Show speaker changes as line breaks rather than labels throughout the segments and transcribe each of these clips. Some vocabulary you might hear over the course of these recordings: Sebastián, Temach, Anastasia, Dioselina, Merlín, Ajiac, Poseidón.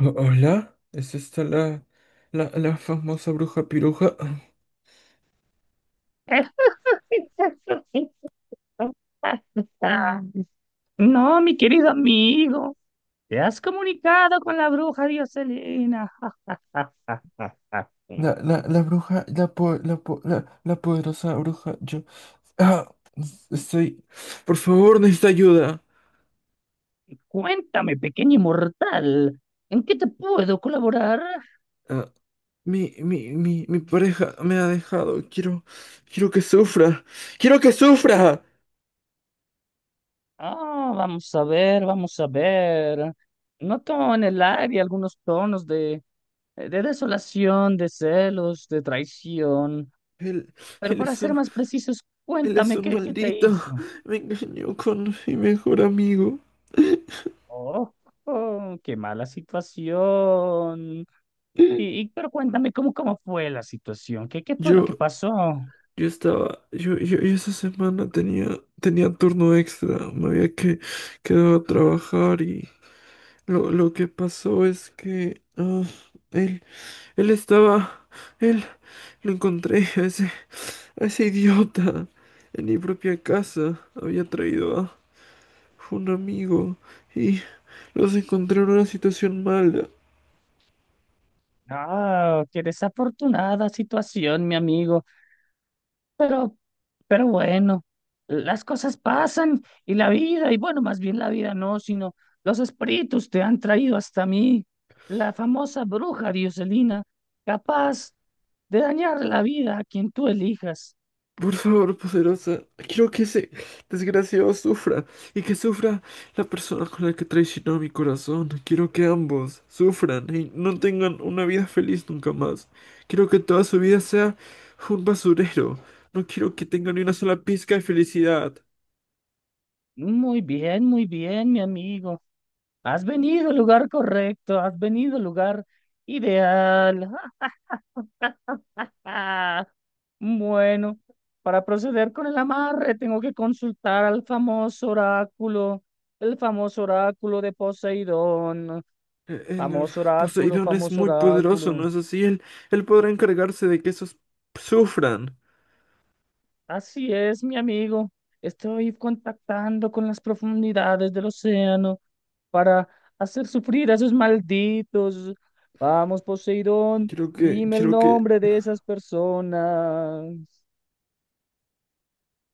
Hola, ¿es esta la famosa bruja piruja?
No, mi querido amigo, te has comunicado con la bruja Dioselina.
La bruja, la poderosa bruja, yo... Ah, estoy... Por favor, necesito ayuda.
Cuéntame, pequeño inmortal, ¿en qué te puedo colaborar?
Ah, mi pareja me ha dejado. Quiero que sufra. ¡Quiero que sufra!
Ah, vamos a ver, vamos a ver. Noto en el aire algunos tonos de desolación, de celos, de traición.
Él,
Pero
él
para
es
ser
un,
más precisos,
él es
cuéntame
un
qué te
maldito.
hizo.
Me engañó con mi mejor amigo.
Oh, oh, qué mala situación. Pero cuéntame cómo fue la situación, qué fue lo que
Yo,
pasó.
Yo estaba, yo esa semana tenía, tenía turno extra, quedado a trabajar y lo que pasó es que él, él estaba, él, lo encontré a ese idiota en mi propia casa, había traído a un amigo y los encontré en una situación mala.
Ah, qué desafortunada situación, mi amigo. Pero, pero bueno, las cosas pasan y la vida, y bueno, más bien la vida no, sino los espíritus te han traído hasta mí. La famosa bruja Dioselina, capaz de dañar la vida a quien tú elijas.
Por favor, poderosa, quiero que ese desgraciado sufra y que sufra la persona con la que traicionó mi corazón. Quiero que ambos sufran y no tengan una vida feliz nunca más. Quiero que toda su vida sea un basurero. No quiero que tengan ni una sola pizca de felicidad.
Muy bien, mi amigo. Has venido al lugar correcto, has venido al lugar ideal. Ah, ah, bueno, para proceder con el amarre tengo que consultar al famoso oráculo, el famoso oráculo de Poseidón,
E- El, eh,
famoso oráculo,
Poseidón es
famoso
muy poderoso,
oráculo.
¿no es así? Él podrá encargarse de que esos sufran.
Así es, mi amigo, estoy contactando con las profundidades del océano para hacer sufrir a esos malditos. Vamos, Poseidón, dime el
Quiero que
nombre de esas personas.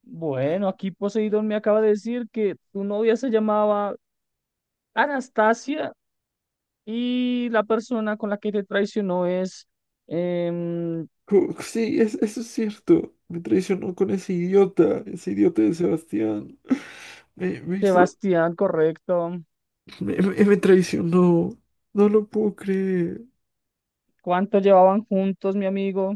Bueno, aquí Poseidón me acaba de decir que tu novia se llamaba Anastasia y la persona con la que te traicionó es em,
Sí, eso es cierto. Me traicionó con ese idiota de Sebastián. Me hizo,
Sebastián, correcto.
me- me traicionó. No lo puedo creer.
¿Cuánto llevaban juntos, mi amigo?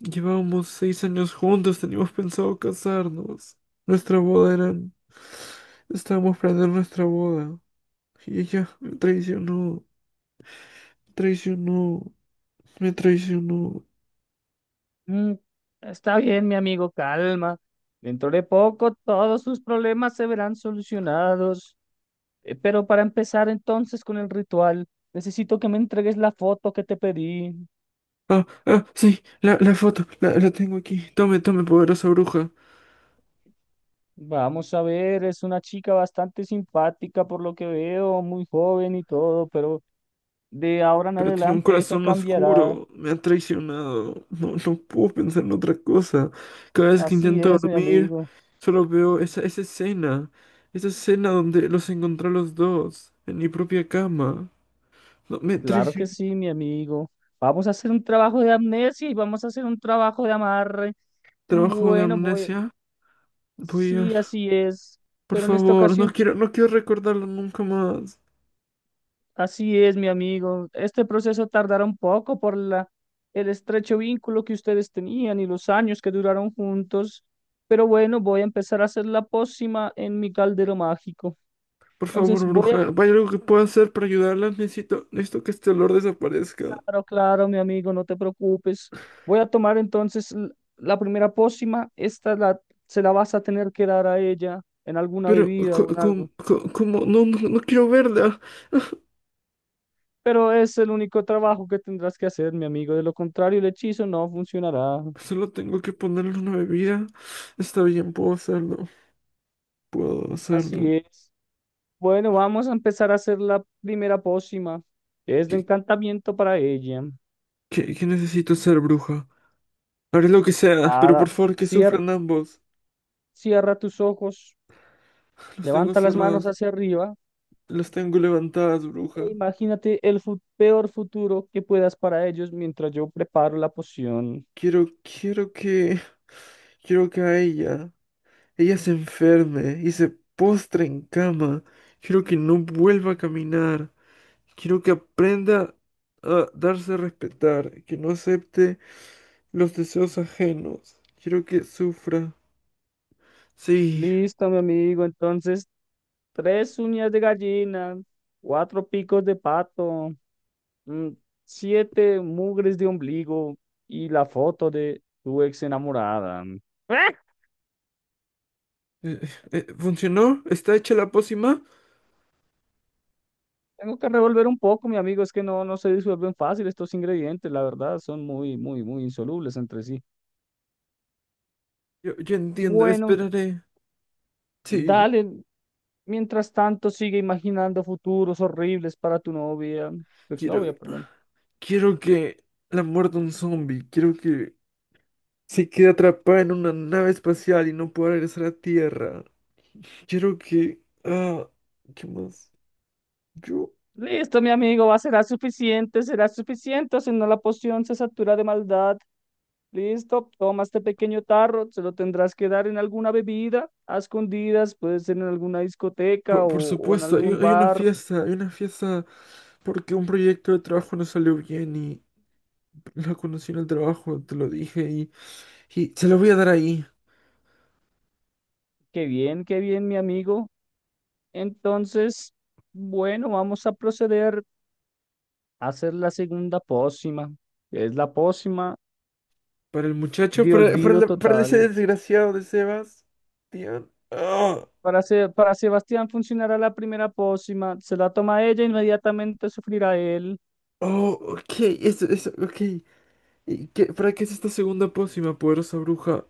Llevábamos 6 años juntos, teníamos pensado casarnos. Nuestra boda era... Estábamos planeando nuestra boda. Y ella me traicionó, traicionó, me traicionó.
Mm, está bien, mi amigo, calma. Dentro de poco todos sus problemas se verán solucionados. Pero para empezar entonces con el ritual, necesito que me entregues la foto que te pedí.
Ah, ah, sí, la foto, la tengo aquí. Tome, tome, poderosa bruja.
Vamos a ver, es una chica bastante simpática por lo que veo, muy joven y todo, pero de ahora en
Pero tiene un
adelante eso
corazón
cambiará.
oscuro, me ha traicionado, no, no puedo pensar en otra cosa. Cada vez que
Así
intento
es, mi
dormir,
amigo.
solo veo esa escena donde los encontré a los dos, en mi propia cama. No, me
Claro que
traicionó.
sí, mi amigo. Vamos a hacer un trabajo de amnesia y vamos a hacer un trabajo de amarre.
Trabajo de
Bueno, voy.
amnesia. Voy a...
Sí, así es.
Por
Pero en esta
favor, no
ocasión
quiero, no quiero recordarlo nunca más.
así es, mi amigo. Este proceso tardará un poco por el estrecho vínculo que ustedes tenían y los años que duraron juntos. Pero bueno, voy a empezar a hacer la pócima en mi caldero mágico.
Por favor,
Entonces voy a,
bruja, ¿hay algo que pueda hacer para ayudarla? Necesito, necesito que este olor desaparezca.
claro, claro, mi amigo, no te preocupes. Voy a tomar entonces la primera pócima. Se la vas a tener que dar a ella en alguna
Pero,
bebida o en algo.
¿cómo? No, no, no quiero verla.
Pero es el único trabajo que tendrás que hacer, mi amigo. De lo contrario, el hechizo no funcionará.
Solo tengo que ponerle una bebida. Está bien, puedo hacerlo. Puedo hacerlo.
Así es. Bueno, vamos a empezar a hacer la primera pócima. Es
¿Qué,
de encantamiento para ella.
¿Qué necesito ser bruja? Haré lo que sea, pero
Nada,
por favor que
cier-
sufran ambos.
cierra tus ojos,
Los tengo
levanta las manos
cerrados.
hacia arriba
Los tengo levantadas,
e
bruja.
imagínate el peor futuro que puedas para ellos mientras yo preparo la poción.
Quiero, quiero que... Quiero que a ella... Ella se enferme y se postre en cama. Quiero que no vuelva a caminar. Quiero que aprenda a darse a respetar. Que no acepte los deseos ajenos. Quiero que sufra. Sí.
Listo, mi amigo. Entonces, tres uñas de gallina, cuatro picos de pato, mm, siete mugres de ombligo y la foto de tu ex enamorada.
Eh, ¿Funcionó? ¿Está hecha la pócima?
Tengo que revolver un poco, mi amigo, es que no se disuelven fácil estos ingredientes, la verdad, son muy, muy, muy insolubles entre sí.
Yo entiendo,
Bueno,
esperaré. Sí.
dale, mientras tanto sigue imaginando futuros horribles para tu novia, tu
Quiero,
exnovia, perdón.
quiero que la muerda un zombie. Quiero que se quede atrapada en una nave espacial y no pueda regresar a Tierra. Quiero que... Ah, ¿qué más? Yo...
Listo, mi amigo, va, será suficiente, o si no la poción se satura de maldad. Listo, toma este pequeño tarro, se lo tendrás que dar en alguna bebida, a escondidas, puede ser en alguna discoteca
Por
o en
supuesto,
algún bar.
hay una fiesta porque un proyecto de trabajo no salió bien y la conocí en el trabajo, te lo dije, y se lo voy a dar ahí.
Qué bien, mi amigo. Entonces, bueno, vamos a proceder a hacer la segunda pócima, que es la pócima
Para el muchacho,
de olvido
para ese
total.
desgraciado de Sebas. Dios. Oh,
Para, para Sebastián funcionará la primera pócima, se la toma ella, inmediatamente sufrirá él.
oh, ok, eso, ok. ¿Para qué es esta segunda pócima, poderosa bruja?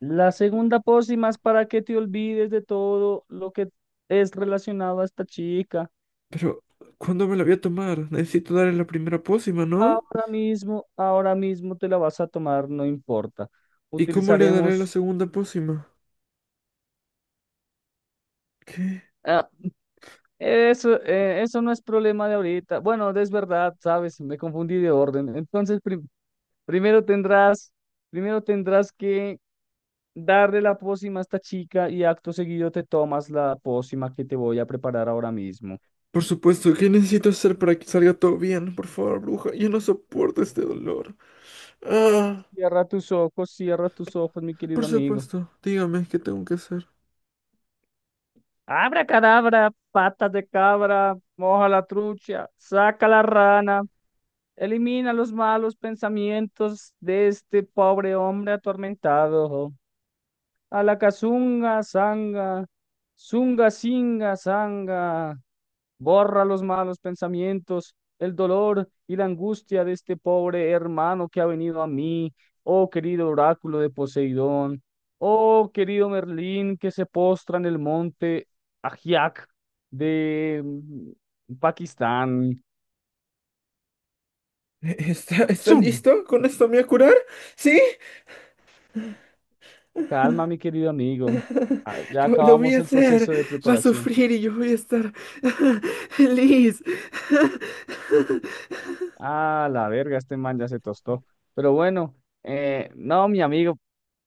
La segunda pócima es para que te olvides de todo lo que es relacionado a esta chica.
Pero, ¿cuándo me la voy a tomar? Necesito darle la primera pócima, ¿no?
Ahora mismo te la vas a tomar, no importa.
¿Y cómo le daré la
Utilizaremos
segunda pócima? ¿Qué?
ah, eso, eso no es problema de ahorita. Bueno, es verdad, sabes, me confundí de orden. Entonces, primero tendrás, primero tendrás que darle la pócima a esta chica y acto seguido te tomas la pócima que te voy a preparar ahora mismo.
Por supuesto, ¿qué necesito hacer para que salga todo bien? Por favor, bruja, yo no soporto este dolor. Ah,
Cierra tus ojos, mi querido
por
amigo.
supuesto, dígame qué tengo que hacer.
Abra cadabra, patas de cabra, moja la trucha, saca la rana, elimina los malos pensamientos de este pobre hombre atormentado. A la cazunga, zanga, zunga, singa, zanga. Borra los malos pensamientos, el dolor y la angustia de este pobre hermano que ha venido a mí. Oh querido oráculo de Poseidón, oh querido Merlín que se postra en el monte Ajiac de Pakistán.
¿Estás
¡Zum!
listo? ¿Con esto me voy a curar? ¿Sí?
Calma, mi querido amigo. Ya
Lo voy
acabamos
a
el
hacer.
proceso de
Va a
preparación.
sufrir y yo voy a estar feliz.
Ah, la verga, este man ya se tostó. Pero bueno, no, mi amigo,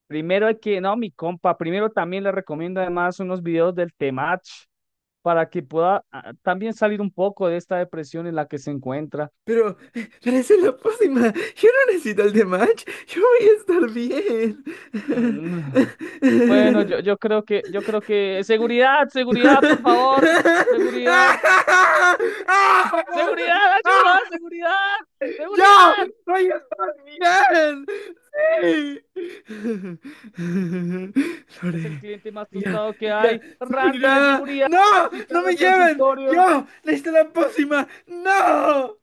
primero hay que, no, mi compa, primero también le recomiendo además unos videos del Temach para que pueda también salir un poco de esta depresión en la que se encuentra.
Pero esa es la pócima. Yo no necesito el de match. Yo voy a estar bien.
Mm, bueno, yo creo yo creo que, seguridad, seguridad, por favor, seguridad, seguridad, ayuda, seguridad,
¡Yo
seguridad.
voy a estar bien! Lore,
Es el cliente más tostado que
ella
hay. Randy de
sufrirá.
seguridad,
¡No! ¡No
visitado el
me lleven!
consultorio.
¡Yo! ¡Necesito la pócima! ¡No!